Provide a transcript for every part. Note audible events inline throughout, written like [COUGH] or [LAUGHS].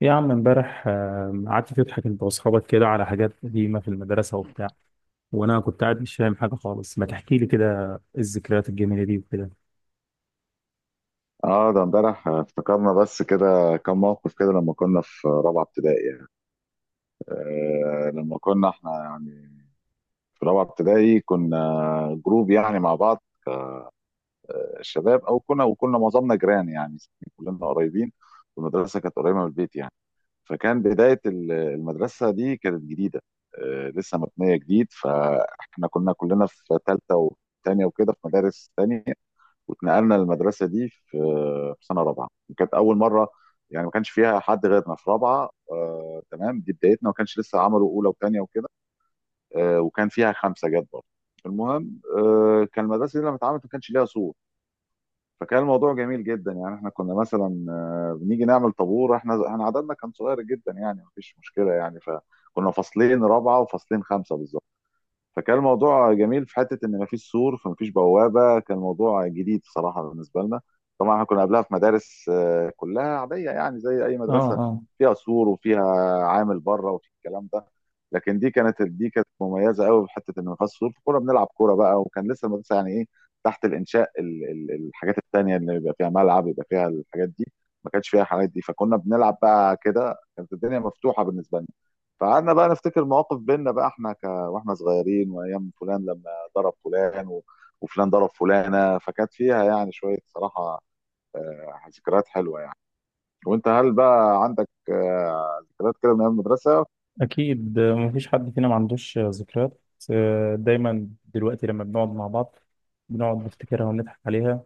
يا عم امبارح قعدت تضحك انت واصحابك كده على حاجات قديمة في المدرسة وبتاع، وانا كنت قاعد مش فاهم حاجة خالص، ما تحكي لي كده الذكريات الجميلة دي وكده. اه، ده امبارح افتكرنا بس كده كم موقف كده لما كنا في رابعه ابتدائي يعني. لما كنا احنا يعني في رابعه ابتدائي كنا جروب يعني مع بعض الشباب، او كنا معظمنا جيران يعني، كلنا قريبين والمدرسه كانت قريبه من البيت يعني. فكان بدايه المدرسه دي كانت جديده، لسه مبنيه جديد. فاحنا كنا كلنا في ثالثه وثانيه وكده في مدارس ثانيه، واتنقلنا للمدرسه دي في سنه رابعه، وكانت اول مره يعني ما كانش فيها حد غيرنا في رابعه. تمام، دي بدايتنا، ما كانش لسه عملوا اولى وثانيه وكده. وكان فيها خمسه جت برضه. المهم، كان المدرسه دي لما اتعملت ما كانش ليها سور، فكان الموضوع جميل جدا. يعني احنا كنا مثلا، بنيجي نعمل طابور، احنا عددنا كان صغير جدا يعني، ما فيش مشكله يعني. فكنا فصلين رابعه وفصلين خمسه بالظبط. فكان الموضوع جميل في حته ان مفيش سور فمفيش بوابه، كان موضوع جديد بصراحه بالنسبه لنا. طبعا احنا كنا قبلها في مدارس كلها عاديه يعني زي اي اه مدرسه اه فيها سور وفيها عامل بره وفي الكلام ده. لكن دي كانت مميزه قوي في حته ان مفيش سور، فكنا بنلعب كوره بقى. وكان لسه المدرسه يعني ايه، تحت الانشاء، الحاجات التانيه اللي بيبقى فيها ملعب، يبقى فيها الحاجات دي، ما كانش فيها الحاجات دي. فكنا بنلعب بقى كده، كانت الدنيا مفتوحه بالنسبه لنا. فقعدنا بقى نفتكر مواقف بينا بقى، احنا واحنا صغيرين، وايام فلان لما ضرب فلان وفلان ضرب فلانه. فكانت فيها يعني شويه صراحه ذكريات حلوه يعني. وانت، هل بقى عندك ذكريات كده من ايام المدرسه؟ اكيد، مفيش حد فينا ما عندوش ذكريات. دايما دلوقتي لما بنقعد مع بعض بنقعد نفتكرها ونضحك عليها،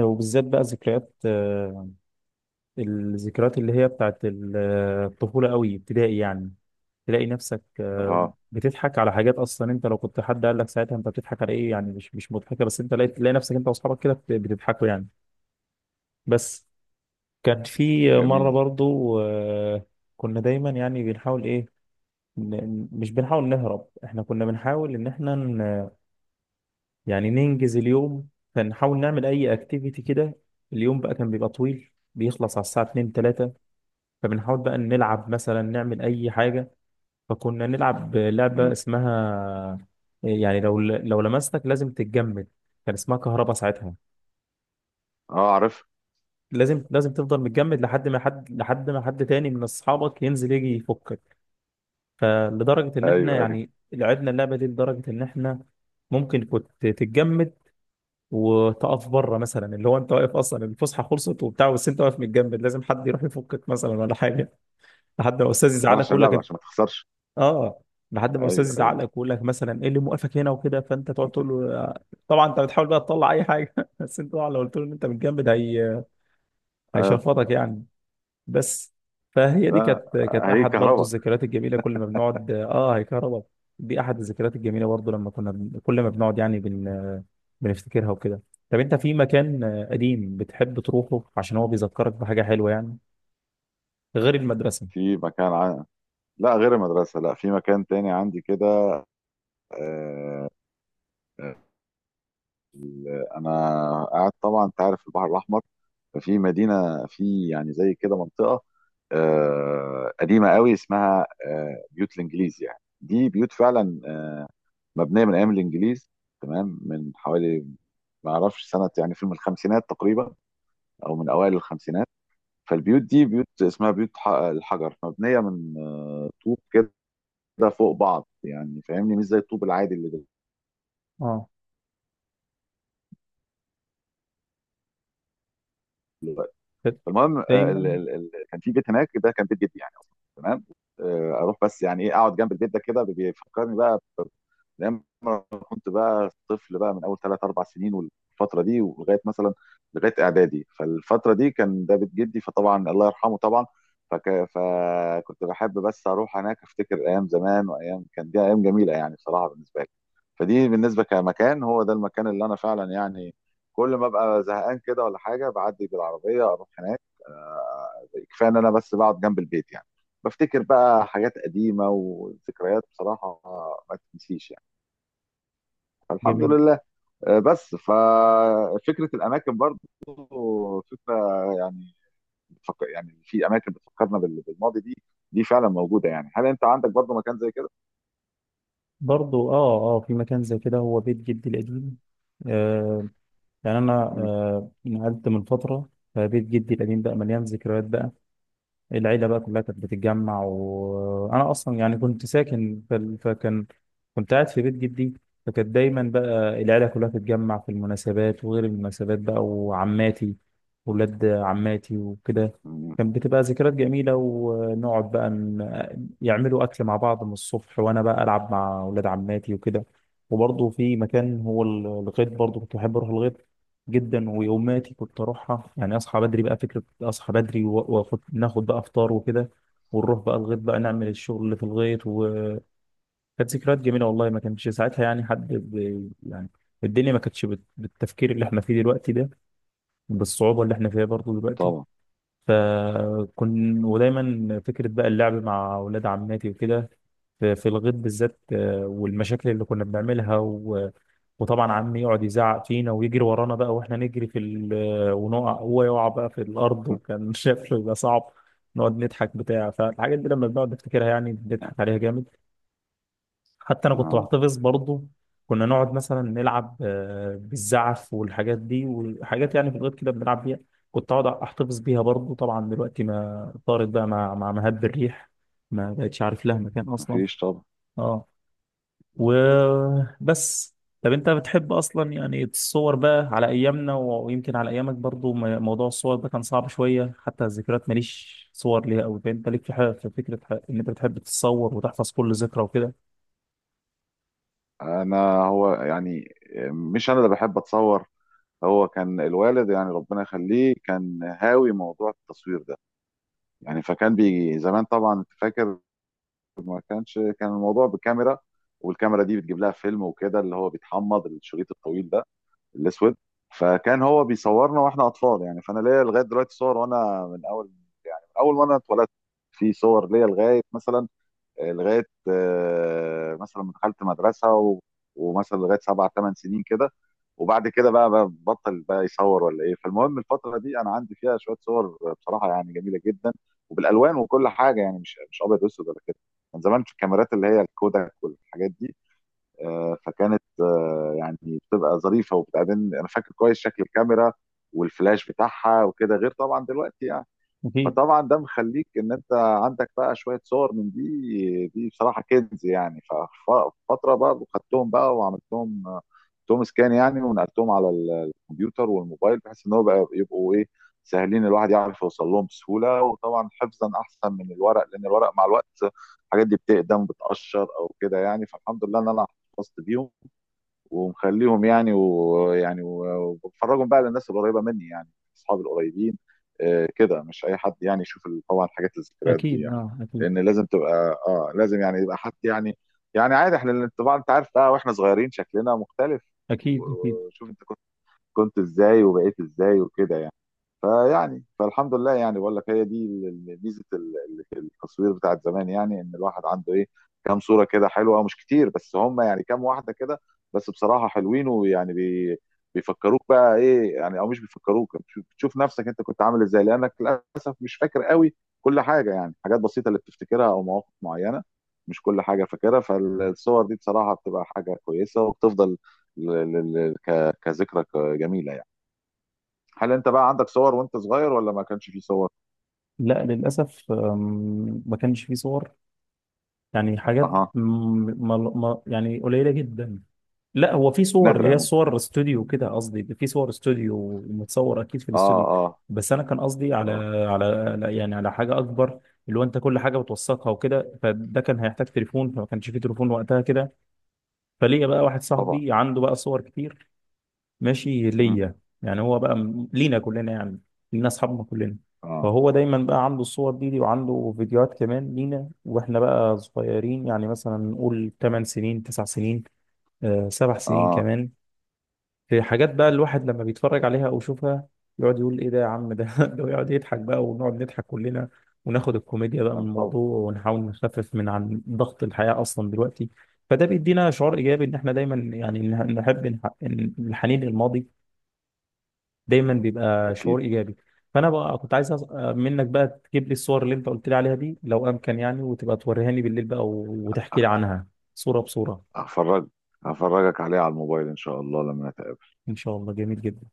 وبالذات بقى ذكريات الذكريات اللي هي بتاعت الطفولة قوي ابتدائي يعني. تلاقي نفسك اه. بتضحك على حاجات اصلا انت لو كنت حد قال لك ساعتها انت بتضحك على ايه، يعني مش مضحكه، بس انت تلاقي نفسك انت واصحابك كده بتضحكوا يعني. بس كان في مره جميل. برضو، كنا دايما يعني بنحاول ايه، مش بنحاول نهرب، احنا كنا بنحاول ان احنا يعني ننجز اليوم، فنحاول نعمل اي اكتيفيتي كده. اليوم بقى كان بيبقى طويل، بيخلص على الساعه 2 3، فبنحاول بقى نلعب مثلا، نعمل اي حاجه. فكنا نلعب لعبة مم. اسمها يعني لو لمستك لازم تتجمد، كان اسمها كهربا ساعتها. اه، عارف. لازم تفضل متجمد لحد ما حد، لحد ما حد تاني من اصحابك ينزل يجي يفكك. فلدرجة ان احنا ايوه، ايوه. يعني لعبنا اللعبة دي لدرجة ان احنا ممكن كنت تتجمد وتقف بره، مثلا اللي هو انت واقف اصلا، الفسحة خلصت وبتاع، بس انت واقف متجمد لازم حد يروح يفكك مثلا ولا حاجة. لحد ما الاستاذ وانا يزعلك عشان يقول لعبه، لك، عشان ما تخسرش. اه، لحد ما الاستاذ ايوه، يزعق ايوه. لك ويقول لك مثلا ايه اللي موقفك هنا وكده، فانت تقعد تقول له. طبعا انت بتحاول بقى تطلع اي حاجه [LAUGHS] بس انت طبعا لو قلت له ان انت متجمد هي آه. هيشرفطك يعني. بس فهي دي لا، كانت كانت هي احد برضو كهرباء. الذكريات الجميله، كل ما بنقعد اه هيكهرباء. دي احد الذكريات الجميله برضو، لما كنا كل ما بنقعد يعني بنفتكرها وكده. طب انت في مكان قديم بتحب تروحه عشان هو بيذكرك بحاجه حلوه يعني، غير المدرسه؟ في مكان عن... لا، غير المدرسه، لا، في مكان تاني عندي كده. آه، آه، انا قاعد، طبعا انت عارف البحر الاحمر، ففي مدينه في يعني زي كده منطقه قديمه قوي، اسمها بيوت الانجليز، يعني دي بيوت فعلا مبنيه من ايام الانجليز، تمام؟ من حوالي، ما اعرفش سنه يعني، في من الخمسينات تقريبا او من اوائل الخمسينات. فالبيوت دي بيوت اسمها بيوت الحجر، مبنيه من طوب كده فوق بعض يعني، فاهمني؟ مش زي الطوب العادي اللي. اه فالمهم، دايما كان في بيت هناك، ده كان بيت جدي يعني اصلا، تمام. اروح بس يعني ايه، اقعد جنب البيت ده كده، بيفكرني بقى ب- كنت بقى طفل بقى من اول 3 4 سنين والفتره دي، ولغايه مثلا لغايه اعدادي. فالفتره دي كان ده بيت جدي، فطبعا الله يرحمه طبعا. فك... فكنت بحب بس اروح هناك، افتكر ايام زمان، وايام كان دي ايام جميله يعني بصراحه بالنسبه لي. فدي بالنسبه كمكان، هو ده المكان اللي انا فعلا يعني كل ما ابقى زهقان كده ولا حاجه بعدي بالعربيه اروح هناك. آه، كفايه ان انا بس بقعد جنب البيت يعني، بفتكر بقى حاجات قديمه وذكريات بصراحه ما تنسيش يعني، فالحمد جميل لله. بس ففكره الاماكن برضو، فكره يعني، يعني في اماكن بتفكرنا بالماضي دي، دي فعلا موجوده يعني. هل انت عندك برضو مكان زي كده؟ برضو. اه اه، في مكان زي كده هو بيت جدي القديم. آه، يعني انا مم. آه نقلت من فتره، فبيت جدي القديم بقى مليان ذكريات بقى، العيلة بقى كلها كانت بتتجمع، وأنا أصلا يعني كنت ساكن في فكان كنت قاعد في بيت جدي. فكانت دايما بقى العيلة كلها تتجمع في المناسبات وغير المناسبات بقى، وعماتي ولاد عماتي وكده. مم. كان بتبقى ذكريات جميلة، ونقعد بقى يعملوا أكل مع بعض من الصبح، وأنا بقى ألعب مع ولاد عماتي وكده. وبرضه في مكان هو الغيط، برضه كنت بحب أروح الغيط جدا، ويوماتي كنت اروحها، يعني اصحى بدري بقى فكره، اصحى بدري واخد ناخد بقى افطار وكده، ونروح بقى الغيط بقى، نعمل الشغل اللي في الغيط. وكانت ذكريات جميله والله، ما كانش ساعتها يعني حد ب، يعني الدنيا ما كانتش بت، بالتفكير اللي احنا فيه دلوقتي ده، بالصعوبه اللي احنا فيها برضه دلوقتي. طبعا. فكن ودايما فكره بقى اللعب مع اولاد عماتي وكده، في الغيط بالذات، والمشاكل اللي كنا بنعملها، وطبعا عمي يقعد يزعق فينا ويجري ورانا بقى واحنا نجري في ال، ونقع هو يقع بقى في الارض، وكان [LAUGHS] شكله يبقى صعب، نقعد نضحك بتاع. فالحاجات دي لما بنقعد نفتكرها يعني بنضحك عليها جامد. حتى انا كنت آه. بحتفظ برضه، كنا نقعد مثلا نلعب بالزعف والحاجات دي، وحاجات يعني في الغيط كده بنلعب بيها، كنت اقعد احتفظ بيها برضه. طبعا دلوقتي ما طارت بقى مع مهب الريح، ما بقتش عارف لها مكان اصلا. مفيش طبعا. اه وبس. طب انت بتحب اصلا يعني الصور بقى، على ايامنا ويمكن على ايامك برضو موضوع الصور ده كان صعب شوية، حتى الذكريات ماليش صور ليها قوي. فانت ليك في حاجة، في فكرة ان انت بتحب تتصور وتحفظ كل ذكرى وكده؟ انا هو يعني مش انا اللي بحب اتصور، هو كان الوالد يعني ربنا يخليه كان هاوي موضوع التصوير ده يعني. فكان بيجي زمان، طبعا انت فاكر، ما كانش، كان الموضوع بكاميرا، والكاميرا دي بتجيب لها فيلم وكده، اللي هو بيتحمض، الشريط الطويل ده الاسود. فكان هو بيصورنا واحنا اطفال يعني. فانا ليا لغايه دلوقتي صور، وانا من اول ما انا اتولدت، في صور ليا لغايه مثلا، لغايه مثلا ما دخلت مدرسه ومثلا لغايه سبع ثمان سنين كده. وبعد كده بقى بطل بقى يصور ولا ايه. فالمهم الفتره دي انا عندي فيها شويه صور بصراحه يعني جميله جدا، وبالالوان وكل حاجه يعني، مش ابيض واسود ولا كده. كان زمان في الكاميرات اللي هي الكوداك والحاجات دي فكانت يعني بتبقى ظريفه، وبتقابلني انا فاكر كويس شكل الكاميرا والفلاش بتاعها وكده، غير طبعا دلوقتي يعني. اكيد فطبعا ده مخليك ان انت عندك بقى شويه صور من دي، دي بصراحه كنز يعني. ففتره بقى خدتهم بقى وعملتهم توم سكان يعني، ونقلتهم على الكمبيوتر والموبايل، بحيث ان هو بقى يبقوا ايه، سهلين، الواحد يعرف يوصل لهم بسهوله. وطبعا حفظا احسن من الورق، لان الورق مع الوقت الحاجات دي بتقدم بتقشر او كده يعني. فالحمد لله ان انا حفظت بيهم ومخليهم يعني، وبفرجهم بقى للناس القريبه مني يعني، اصحابي القريبين كده، مش اي حد يعني يشوف طبعا حاجات الذكريات دي اكيد يعني، اه اكيد لان لازم تبقى، لازم يعني يبقى حد يعني، يعني عادي. احنا طبعا انت عارف بقى، واحنا صغيرين شكلنا مختلف، اكيد اكيد. وشوف انت كنت ازاي وبقيت ازاي وكده يعني. فيعني فالحمد لله يعني، بقول لك هي دي ميزه التصوير بتاعت زمان يعني، ان الواحد عنده ايه، كام صوره كده حلوه، مش كتير بس هم يعني كام واحده كده، بس بصراحه حلوين، ويعني بيفكروك بقى ايه يعني، او مش بيفكروك، بتشوف نفسك انت كنت عامل ازاي، لانك للاسف مش فاكر قوي كل حاجه يعني. حاجات بسيطه اللي بتفتكرها، او مواقف معينه، مش كل حاجه فاكرها. فالصور دي بصراحه بتبقى حاجه كويسه، وبتفضل كذكرى جميله يعني. هل انت بقى عندك صور وانت صغير، ولا ما كانش فيه صور؟ لا للاسف، ما كانش في صور، يعني حاجات اها. يعني قليلة جدا. لا هو في صور اللي نادرة هي ممكن. صور استوديو كده، قصدي في صور استوديو متصور اكيد في اه، الاستوديو، اه. بس انا كان قصدي على اه. على يعني على حاجه اكبر، اللي هو انت كل حاجه بتوثقها وكده، فده كان هيحتاج تليفون، فما كانش فيه تليفون وقتها كده. فليا بقى واحد طبعا. صاحبي عنده بقى صور كتير ماشي مهم. ليا، يعني هو بقى لينا كلنا يعني، لينا اصحابنا كلنا. اه، فهو دايما بقى عنده الصور دي، وعنده فيديوهات كمان لينا واحنا بقى صغيرين، يعني مثلا نقول 8 سنين 9 سنين، سبع سنين اه. كمان. في حاجات بقى الواحد لما بيتفرج عليها او يشوفها يقعد يقول ايه ده يا عم ده [LAUGHS] ده، ويقعد يضحك بقى ونقعد نضحك كلنا، وناخد الكوميديا بقى من طبعا. الموضوع، ونحاول نخفف من عن ضغط الحياة اصلا دلوقتي. فده بيدينا شعور ايجابي، ان احنا دايما يعني نحب إن الحنين للماضي دايما بيبقى اكيد. شعور ايجابي. فانا بقى كنت عايز منك بقى تجيب لي الصور اللي انت قلت لي عليها دي لو امكن يعني، وتبقى توريهاني بالليل بقى، وتحكي لي عنها صورة بصورة. هفرج هفرجك عليه على الموبايل ان شاء الله لما نتقابل. ان شاء الله جميل جدا.